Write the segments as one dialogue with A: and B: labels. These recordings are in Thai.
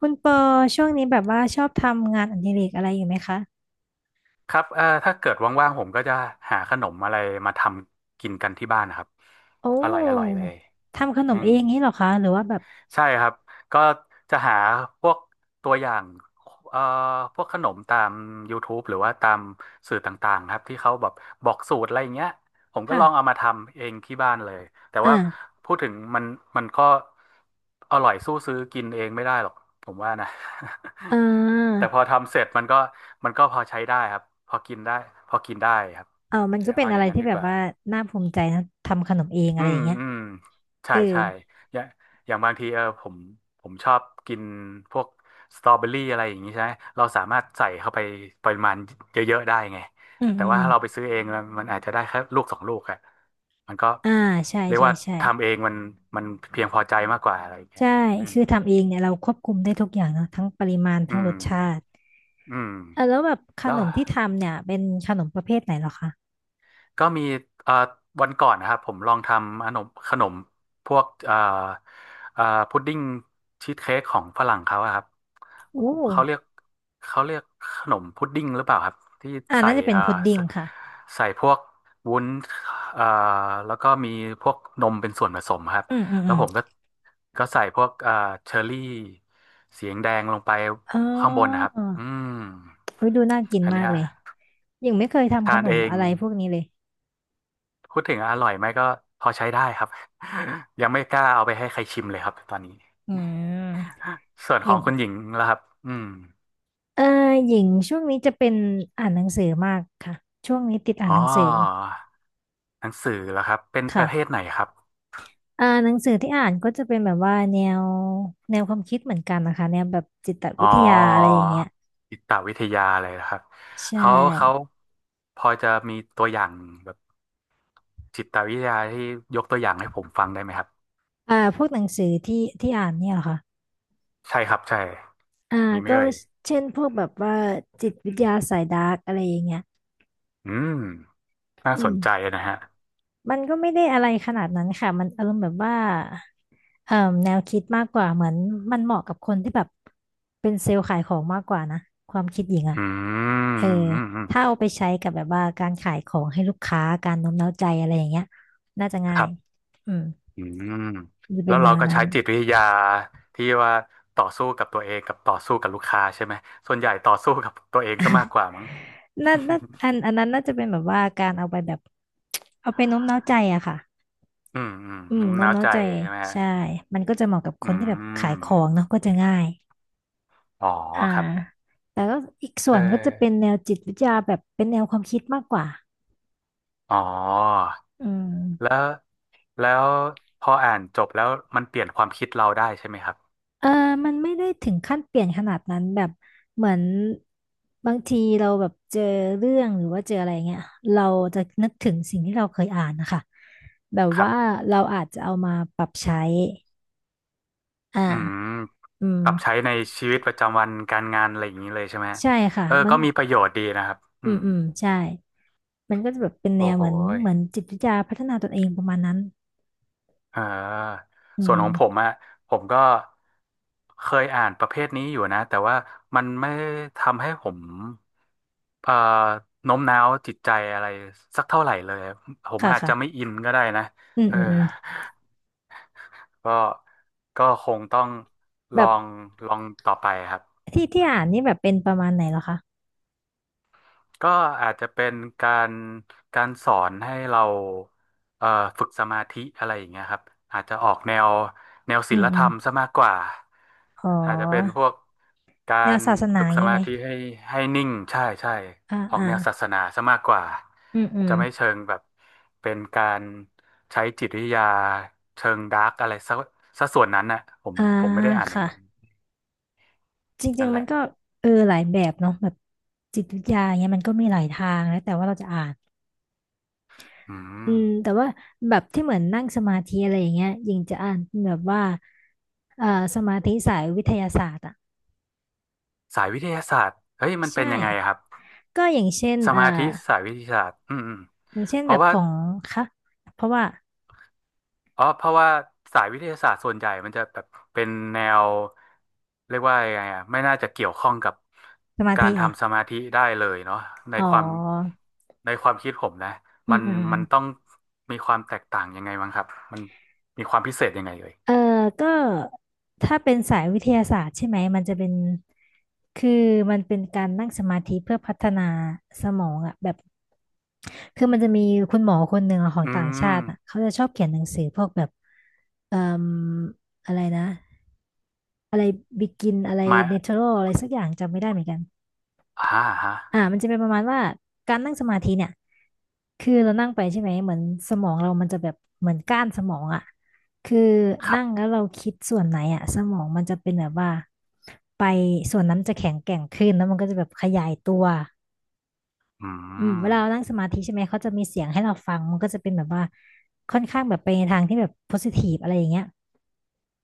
A: คุณปอช่วงนี้แบบว่าชอบทำงานอดิเรกอะไรอยู่ไหมคะ
B: ครับถ้าเกิดว่างๆผมก็จะหาขนมอะไรมาทำกินกันที่บ้านนะครับ
A: โอ
B: อร่อยอร่อย
A: ้
B: เลย
A: ทำขน
B: อื
A: มเอ
B: ม
A: งนี่เหรอคะหรือว่าแบบ
B: ใช่ครับก็จะหาพวกตัวอย่างเอ่อพวกขนมตาม YouTube หรือว่าตามสื่อต่างๆครับที่เขาแบบบอกสูตรอะไรอย่างเงี้ยผมก็ลองเอา
A: ค่ะ
B: มาทำเองที่บ้านเลยแต่
A: อ่า
B: ว่าพูดถึงมันก็อร่อยสู้ซื้อกินเองไม่ได้หรอกผมว่านะ
A: อ่
B: แต่
A: า
B: พอทำเสร็จมันก็พอใช้ได้ครับพอกินได้พอกินได้ครับ
A: เอามันก็เป็น
B: เอาอ
A: อะไร
B: ย่างนั้น
A: ที่
B: ดี
A: แบ
B: ก
A: บ
B: ว่า
A: ว่าน่าภูมิใจนะทำขนมเองอะ
B: อื
A: ไรอ
B: ม
A: ย่างเงี้ย
B: อืม
A: เอ
B: ใช่
A: อ
B: ใช่อย่างอย่างบางทีเออผมชอบกินพวกสตรอเบอรี่อะไรอย่างนี้ใช่ไหมเราสามารถใส่เข้าไปปริมาณเยอะๆได้ไง
A: อืม
B: แต่
A: อืม
B: ว่า
A: อ
B: ถ้าเราไป
A: ม
B: ซื้อเองมันอาจจะได้แค่ลูกสองลูกอะมันก็
A: อ่าใช่
B: เรียก
A: ใช่
B: ว่า
A: ใช่
B: ทำเองมันเพียงพอใจมากกว่าอะไรอย่างเงี้ย
A: ใช่
B: อืม
A: คือทำเองเนี่ยเราควบคุมได้ทุกอย่างเนาะทั้งปริมาณ
B: อื
A: ทั้งร
B: ม
A: สชาติ
B: อืม
A: อ่ะแล้วแบบข
B: แล้ว
A: นมที่ทำเนี่ยเป็นขนมประเภทไหนเหรอคะ
B: ก็มีเอ่อวันก่อนนะครับผมลองทำขนมพวกเอ่อพุดดิ้งชีสเค้กของฝรั่งเขาอะครับ
A: โอ้
B: เขาเรียกเขาเรียกขนมพุดดิ้งหรือเปล่าครับที่
A: อ่า
B: ใส่
A: น่าจะเป็นพุดดิ้ง
B: ใส่
A: ค่ะ
B: ใส่พวกวุ้นเอ่อแล้วก็มีพวกนมเป็นส่วนผสมครับ
A: อืมอืม
B: แล้
A: อื
B: ว
A: ม
B: ผมก็ใส่พวกเชอร์รี่สีแดงๆลงไป
A: อ๋
B: ข้างบนนะค
A: อ
B: รับอืม
A: เฮ้ยดูน่ากิน
B: อัน
A: มา
B: เนี้
A: ก
B: ย
A: เลยหญิงไม่เคยทำข
B: ทาน
A: น
B: เอ
A: ม
B: ง
A: อะไรพวกนี้เลย
B: พูดถึงอร่อยไหมก็พอใช้ได้ครับ ยังไม่กล้าเอาไปให้ใครชิมเลยครับตอนนี้
A: อืม
B: ส่วน
A: ห
B: ข
A: ญิ
B: อง
A: ง
B: คุณหญิงล่ะครับอืม
A: เออหญิงช่วงนี้จะเป็นอ่านหนังสือมากค่ะช่วงนี้ติดอ่าน
B: อ๋
A: ห
B: อ
A: นังสือ
B: หนังสือเหรครับเป็นป
A: ค่ะ
B: ระเภทไหนครับ
A: อ่านหนังสือที่อ่านก็จะเป็นแบบว่าแนวแนวความคิดเหมือนกันนะคะแนวแบบจิต
B: อ๋อ
A: วิทยาอะไรอย่างเงี้ย
B: จิตวิทยาเลยนะครับ
A: ใช่
B: เขาพอจะมีตัวอย่างแบบจิตวิทยาที่ยกตัวอย่างให้ผมฟังได้ไหมครับ
A: อ่าพวกหนังสือที่ที่อ่านเนี่ยเหรอคะ
B: ใช่ครับใช่
A: อ่า
B: มีไหม
A: ก็
B: เอ่ย
A: เช่นพวกแบบว่าจิตวิทยาสายดาร์กอะไรอย่างเงี้ย
B: อืมน่า
A: อื
B: ส
A: ม
B: นใจนะฮะ
A: มันก็ไม่ได้อะไรขนาดนั้นค่ะมันอารมณ์แบบว่าเอ่อแนวคิดมากกว่าเหมือนมันเหมาะกับคนที่แบบเป็นเซลล์ขายของมากกว่านะ ความคิดหญิงอะ
B: อื
A: เออ
B: มอืมอื
A: ถ้า
B: ม
A: เอาไปใช้กับแบบว่าการขายของให้ลูกค้าการโน้มน้าวใจอะไรอย่างเงี้ยน่าจะง่า
B: ค
A: ย
B: รับ
A: อืม
B: อืม
A: จะ
B: แล้
A: เป็น
B: ว
A: แน
B: เรา
A: ว
B: ก็
A: นั้
B: ใช้
A: น
B: จิตวิทยาที่ว่าต่อสู้กับตัวเองกับต่อสู้กับลูกค้าใช่ไหมส่วนใหญ่ต่อสู้กับตัวเองซะมากกว่ามั้ง
A: น่าน่าอัน อันนั้นน่าจะเป็นแบบว่าการเอาไปแบบเอาไปโน้มน้าวใจอะค่ะ
B: อืมอืม
A: อืม
B: งุ้ม
A: โน้ม
B: น้าว
A: น้าว
B: ใจ
A: ใจ
B: ใช่ไหมฮะ
A: ใช่ มันก็จะเหมาะกับค
B: อื
A: นที่แบบขายขอ
B: ม
A: งเนาะก็จะง่าย
B: อ๋อ
A: อ่า
B: ครับ
A: แต่ก็อีกส่
B: เอ
A: ว
B: อ
A: นก็จะเป็นแนวจิตวิทยาแบบเป็นแนวความคิดมากกว่า
B: อ๋อ
A: อื
B: แล้
A: ม
B: วแล้วพออ่านจบแล้วมันเปลี่ยนความคิดเราได้ใช่ไหมครับ
A: เออมันไม่ได้ถึงขั้นเปลี่ยนขนาดนั้นแบบเหมือนบางทีเราแบบเจอเรื่องหรือว่าเจออะไรเงี้ยเราจะนึกถึงสิ่งที่เราเคยอ่านนะคะแบบ
B: ครับ
A: ว่าเราอาจจะเอามาปรับใช้อ่า
B: อืม
A: อืม
B: ปรับใช้ในชีวิตประจำวันการงานอะไรอย่างนี้เลยใช่ไหมฮะ
A: ใช่ค่ะ
B: เออ
A: มัน
B: ก็มีประโยชน์ดีนะครับอื
A: อืม
B: ม
A: อืมใช่มันก็จะแบบเป็นแน
B: โอ้
A: ว
B: โห
A: เหมือนจิตวิทยาพัฒนาตนเองประมาณนั้น
B: อ่า
A: อื
B: ส่วนของผม
A: ม
B: อะผมก็เคยอ่านประเภทนี้อยู่นะแต่ว่ามันไม่ทำให้ผมเอ่อโน้มน้าวจิตใจอะไรสักเท่าไหร่เลยผม
A: ค่ะ
B: อาจจะไม่
A: ค่ะ
B: อินก็ได้นะ
A: อืม
B: เออ
A: อืมอืม
B: ก็ก็คงต้องลอ
A: แบบ
B: งลองต่อไปครับ
A: ที่อ่านนี่แบบเป็นประมาณไหนเหรอคะ
B: ก็อาจจะเป็นการการสอนให้เราเอ่อฝึกสมาธิอะไรอย่างเงี้ยครับอาจจะออกแนว
A: อื
B: ศี
A: ม
B: ล
A: อื
B: ธร
A: ม
B: รมซะมากกว่า
A: ขอ
B: อาจจะเป็นพวกกา
A: แนว
B: ร
A: ศาสนา
B: ฝึก
A: อย่า
B: ส
A: งนี้
B: มา
A: ไหม
B: ธิให้นิ่งใช่ใช่
A: อ่า
B: ออก
A: อ่า
B: แนวศาสนาซะมากกว่า
A: อืมอืม
B: จะไม่เชิงแบบเป็นการใช้จิตวิทยาเชิงดาร์กอะไรซะส่วนนั้นน่ะผม
A: อ่า
B: ผมไม่ได้อ่านอย่าง
A: ค่ะ
B: นั้น
A: จริ
B: นั่
A: ง
B: น
A: ๆ
B: แห
A: มัน
B: ละ
A: ก็เออหลายแบบเนาะแบบจิตวิทยาอย่างเงี้ยมันก็มีหลายทางแล้วแต่ว่าเราจะอ่าน
B: อื
A: อื
B: ม
A: มแต่ว่าแบบที่เหมือนนั่งสมาธิอะไรอย่างเงี้ยยิงจะอ่านแบบว่าเอ่อสมาธิสายวิทยาศาสตร์อ่ะ
B: สายวิทยาศาสตร์เฮ้ยมันเป็
A: ใช่
B: นยังไงครับ
A: ก็อย่างเช่น
B: สมาธิสายวิทยาศาสตร์อืมอืม
A: อย่างเช่น
B: เพ
A: แบ
B: ราะ
A: บ
B: ว่า
A: ของคะเพราะว่า
B: อ๋อเพราะว่าสายวิทยาศาสตร์ส่วนใหญ่มันจะแบบเป็นแนวเรียกว่ายังไงอะไม่น่าจะเกี่ยวข้องกับ
A: สมา
B: กา
A: ธิ
B: ร
A: เหรอ
B: ทำสมาธิได้เลยเนาะใน
A: อ๋
B: ความ
A: อ
B: ในความคิดผมนะ
A: อื
B: มั
A: ม
B: น
A: อืมอืม
B: มันต้องมีความแตกต่างยังไงบ้างครับมันมีความพิเศษยังไงเอ่ย
A: เออก็ถ้าเป็นสายวิทยาศาสตร์ใช่ไหม มันจะเป็นคือมันเป็นการนั่งสมาธิเพื่อพัฒนาสมองอะแบบคือมันจะมีคุณหมอคนหนึ่งอะของ
B: อื
A: ต่างชา
B: ม
A: ติอะเขาจะชอบเขียนหนังสือพวกแบบเอ่ออะไรนะ อะไรบิกิน อะไร
B: หมาย
A: เนเชอรัลอะไรสักอย่างจำไม่ได้เหมือนกัน
B: อ่าฮะ
A: อ่ามันจะเป็นประมาณว่าการนั่งสมาธิเนี่ยคือเรานั่งไปใช่ไหมเหมือนสมองเรามันจะแบบเหมือนก้านสมองอ่ะคือ
B: ครับ
A: นั่งแล้วเราคิดส่วนไหนอ่ะสมองมันจะเป็นแบบว่าไปส่วนนั้นจะแข็งแกร่งขึ้นแล้วมันก็จะแบบขยายตัว
B: อื
A: อืมเว
B: ม
A: ลาเรานั่งสมาธิใช่ไหมเขาจะมีเสียงให้เราฟังมันก็จะเป็นแบบว่าค่อนข้างแบบไปในทางที่แบบโพสิทีฟอะไรอย่างเงี้ย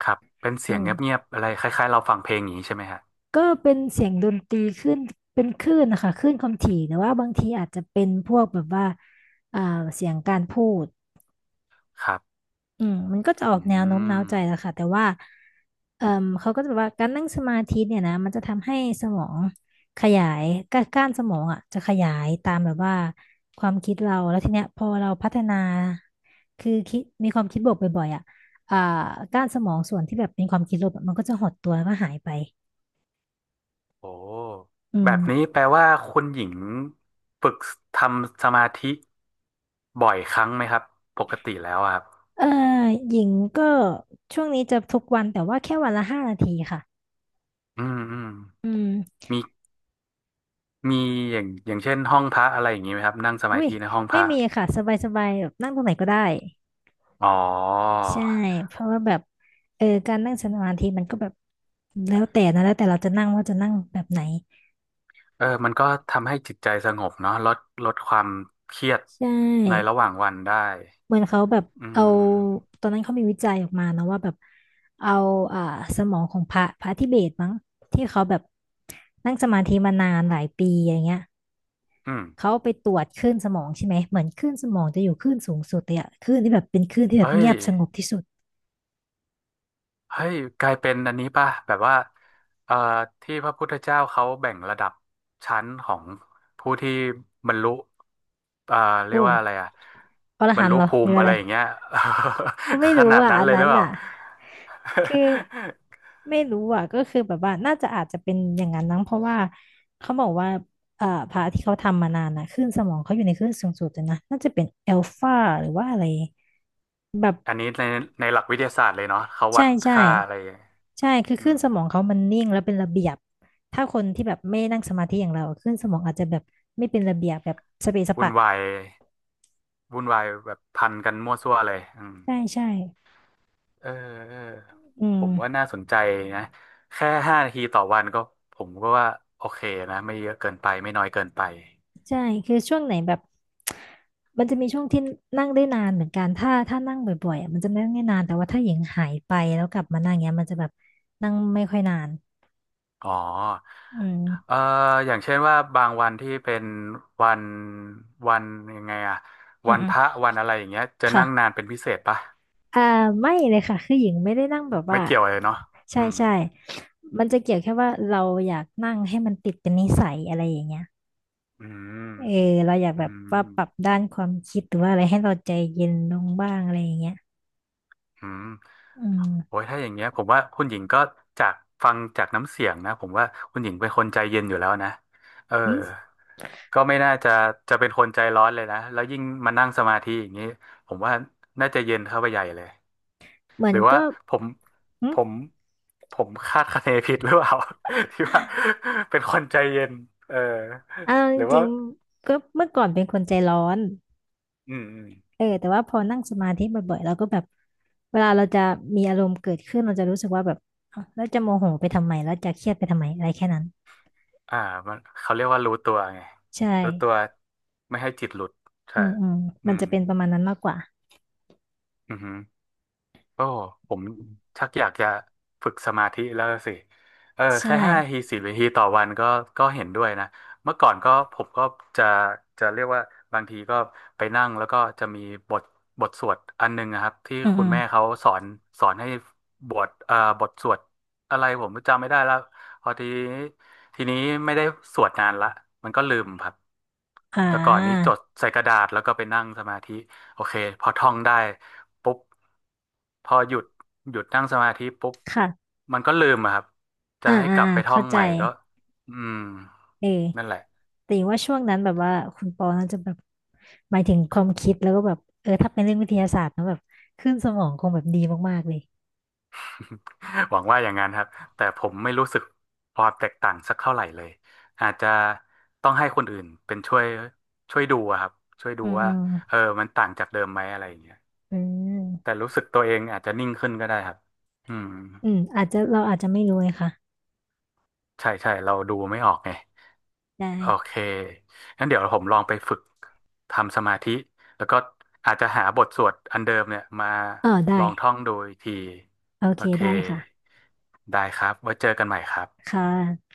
B: ครับเป็นเสี
A: อื
B: ยงเงี
A: ม
B: ยบๆอะไรคล้ายๆเราฟังเพลงอย่างนี้ใช่ไหมฮะ
A: ก็เป็นเสียงดนตรีขึ้นเป็นคลื่นนะคะคลื่นความถี่แต่ว่าบางทีอาจจะเป็นพวกแบบว่าอ่าเสียงการพูด
B: ครับ
A: อืมมันก็จะออ
B: อื
A: กแนวโน้มน้าว
B: ม
A: ใจแหละค่ะแต่ว่าเอ่มเขาก็จะแบบว่าการนั่งสมาธิเนี่ยนะมันจะทำให้สมองขยายก้านสมองอ่ะจะขยายตามแบบว่าความคิดเราแล้วทีเนี้ยพอเราพัฒนาคือคิดมีความคิดบวกบ่อยๆอ่ะอ่าก้านสมองส่วนที่แบบเป็นความคิดลบอะมันก็จะหดตัวแล้วก็หายไป
B: โอ้
A: อื
B: แบ
A: ม
B: บนี้แปลว่าคุณหญิงฝึกทำสมาธิบ่อยครั้งไหมครับปกติแล้วอะครับ
A: เอ่อหญิงก็ช่วงนี้จะทุกวันแต่ว่าแค่วันละ5 นาทีค่ะ
B: อืมอืม
A: อืม
B: มีมีอย่างอย่างเช่นห้องพระอะไรอย่างนี้ไหมครับนั่งสมา
A: อุ้ย
B: ธิในห้องพ
A: ไม่
B: ระ
A: มีค่ะสบายสบายแบบนั่งตรงไหนก็ได้
B: อ๋อ
A: ใช่เพราะว่าแบบเออการนั่งสมาธิมันก็แบบแล้วแต่นะแล้วแต่เราจะนั่งว่าจะนั่งแบบไหน
B: เออมันก็ทำให้จิตใจสงบเนาะลดความเครียด
A: ใช
B: ใน
A: ่
B: ระหว่างวันได้
A: เหมือนเขาแบบ
B: อื
A: เอา
B: ม
A: ตอนนั้นเขามีวิจัยออกมานะว่าแบบเอาอ่าสมองของพระพระทิเบตมั้งที่เขาแบบนั่งสมาธิมานานหลายปีอย่างเงี้ย
B: อืม
A: เขาไปตรวจคลื่นสมองใช่ไหมเหมือนคลื่นสมองจะอยู่คลื่นสูงสุดเลยอะคลื่นที่แบบเป็นคลื่นที่แบบ
B: เอ้
A: เงี
B: ย
A: ยบสงบที่สุด
B: เฮ้ยกลายเป็นอันนี้ป่ะแบบว่าเอ่อที่พระพุทธเจ้าเขาแบ่งระดับชั้นของผู้ที่บรรลุเอ่อเรียก
A: โอ้
B: ว่าอะไรอ่ะ
A: อร
B: บร
A: หั
B: ร
A: น
B: ลุ
A: ต์เหรอ
B: ภู
A: หรือ
B: มิ
A: อะ
B: อะไร
A: ไร
B: อย่างเงี้ย
A: ก็ไม่
B: ข
A: รู้
B: นาด
A: อ่ะ
B: นั้น
A: อัน
B: เลยห
A: นั้
B: รื
A: น
B: อเปล่า
A: อ่ะคือไม่รู้อ่ะก็คือแบบว่าน่าจะอาจจะเป็นอย่างนั้นนั้งเพราะว่าเขาบอกว่าพระที่เขาทำมานานน่ะคลื่นสมองเขาอยู่ในคลื่นสูงสุดเลยนะน่าจะเป็นเอลฟาหรือว่าอะไรแบบ
B: อันนี้ในในหลักวิทยาศาสตร์เลยเนาะเขาวั
A: ใช่
B: ด
A: ใช่
B: ค่าอะไร
A: ใช่คือ
B: อื
A: คลื่น
B: ม
A: สมองเขามันนิ่งแล้วเป็นระเบียบถ้าคนที่แบบไม่นั่งสมาธิอย่างเราคลื่นสมองอาจจะแบบไม่เป็นระเบียบแบบสเปะส
B: วุ่น
A: ปะ
B: วายวุ่นวายแบบพันกันมั่วซั่วเลยอืม
A: ใช่ใช่
B: เออเออ
A: อืม
B: ผมว่าน่าสนใจนะแค่5 นาทีต่อวันก็ผมก็ว่าโอเคนะไม่เยอะเกินไปไม่น้อยเกินไป
A: ใช่คือช่วงไหนแบบมันจะมีช่วงที่นั่งได้นานเหมือนกันถ้านั่งบ่อยๆอ่ะมันจะนั่งได้นานแต่ว่าถ้าหญิงหายไปแล้วกลับมานั่งเงี้ยมันจะแบบนั่งไม่ค่อยนาน
B: อ๋อ
A: อื
B: เอ่
A: ม
B: ออย่างเช่นว่าบางวันที่เป็นวันวันยังไงอะ
A: อื
B: วันพระ
A: ม
B: วันอะไรอย่างเงี้ยจะ
A: ๆค่ะ
B: นั่งนานเป็นพิเศษปะ
A: อ่าไม่เลยค่ะคือหญิงไม่ได้นั่งแบบ
B: ไม่
A: ว่า
B: เกี่ยวเลยเนาะ
A: ใช่
B: อืม
A: ใช่มันจะเกี่ยวแค่ว่าเราอยากนั่งให้มันติดเป็นนิสัยอะไรอย่างเงี้ย
B: อืม
A: เออเราอยาก
B: อื
A: แบบ
B: ม
A: ว่าปรับด้านความคิดหรือว่าอะไรให้เราใจเย็นลงบ้างอะไรอย่างเงี้ย
B: อืม
A: อืม
B: โอ้ยถ้าอย่างเงี้ยผมว่าคุณหญิงก็จากฟังจากน้ำเสียงนะผมว่าคุณหญิงเป็นคนใจเย็นอยู่แล้วนะเออ
A: อืม
B: ก็ไม่น่าจะจะเป็นคนใจร้อนเลยนะแล้วยิ่งมานั่งสมาธิอย่างนี้ผมว่าน่าจะเย็นเข้าไปใหญ่เลย
A: เหมือ
B: ห
A: น
B: รือว่า
A: ก็
B: ผม
A: อื
B: ผ
A: ม
B: มผมคาดคะเนผิดหรือเปล่า ที่ว่าเป็นคนใจเย็นเออ
A: อ่าจ
B: หรือ
A: ริ
B: ว่า
A: งๆก็เมื่อก่อนเป็นคนใจร้อน
B: อืมอืม
A: เออแต่ว่าพอนั่งสมาธิบ่อยๆเราก็แบบเวลาเราจะมีอารมณ์เกิดขึ้นเราจะรู้สึกว่าแบบเอ้าแล้วจะโมโหไปทำไมแล้วจะเครียดไปทำไมอะไรแค่นั้น
B: อ่ามันเขาเรียกว่ารู้ตัวไง
A: ใช่
B: รู้ตัวไม่ให้จิตหลุด
A: อื
B: ใช่
A: มอืม
B: อื
A: มัน
B: ม
A: จะเป็นประมาณนั้นมากกว่า
B: อือฮึ ก็ผมชักอยากจะฝึกสมาธิแล้วสิเออ
A: ใช่
B: แค่ห้าทีสิบนาทีต่อวันก็เห็นด้วยนะเมื่อก่อนก็ผมก็จะจะเรียกว่าบางทีก็ไปนั่งแล้วก็จะมีบทบทสวดอันหนึงนะครับที่
A: อืม
B: คุ
A: อื
B: ณ
A: ม
B: แม่เขาสอนสอนให้บทสวดอะไรผมจำไม่ได้แล้วพอทีนี้ไม่ได้สวดนานละมันก็ลืมครับ
A: อ่า
B: แต่ก่อนนี้จดใส่กระดาษแล้วก็ไปนั่งสมาธิ โอเคพอท่องได้ปุ๊บพอหยุดนั่งสมาธิปุ๊บ
A: ค่ะ
B: มันก็ลืมอะครับจะ
A: อ่า
B: ให้
A: อ่า
B: กลับ
A: อ่า
B: ไปท่อ
A: เข้า
B: ง
A: ใจ
B: ใหม่ก็อืม
A: เออ
B: นั่นแหละ
A: แต่ว่าช่วงนั้นแบบว่าคุณปอน่าจะแบบหมายถึงความคิดแล้วก็แบบเออถ้าเป็นเรื่องวิทยาศาสตร์นะแบบขึ้นสมองคงแบบดีมากๆเลย
B: หวังว่าอย่างนั้นครับแต่ผมไม่รู้สึกความแตกต่างสักเท่าไหร่เลยอาจจะต้องให้คนอื่นเป็นช่วยดูอะครับช่วยดู
A: อืมอื
B: ว่า
A: ม
B: เออมันต่างจากเดิมไหมอะไรอย่างเงี้ย
A: อื
B: แต่
A: ม
B: รู้สึกตัวเองอาจจะนิ่งขึ้นก็ได้ครับอืม
A: อืมอาจจะเราอาจจะไม่รู้เลยค่ะ
B: ใช่ใช่เราดูไม่ออกไง
A: ได
B: โอเค
A: ้
B: งั้นเดี๋ยวผมลองไปฝึกทำสมาธิ แล้วก็อาจจะหาบทสวดอันเดิมเนี่ยมา
A: ได้
B: ลองท่องดูอีกที
A: โอ
B: โอ
A: เค
B: เค
A: ได้ค่ะ
B: ได้ครับไว้เจอกันใหม่ครับ
A: ค่ะ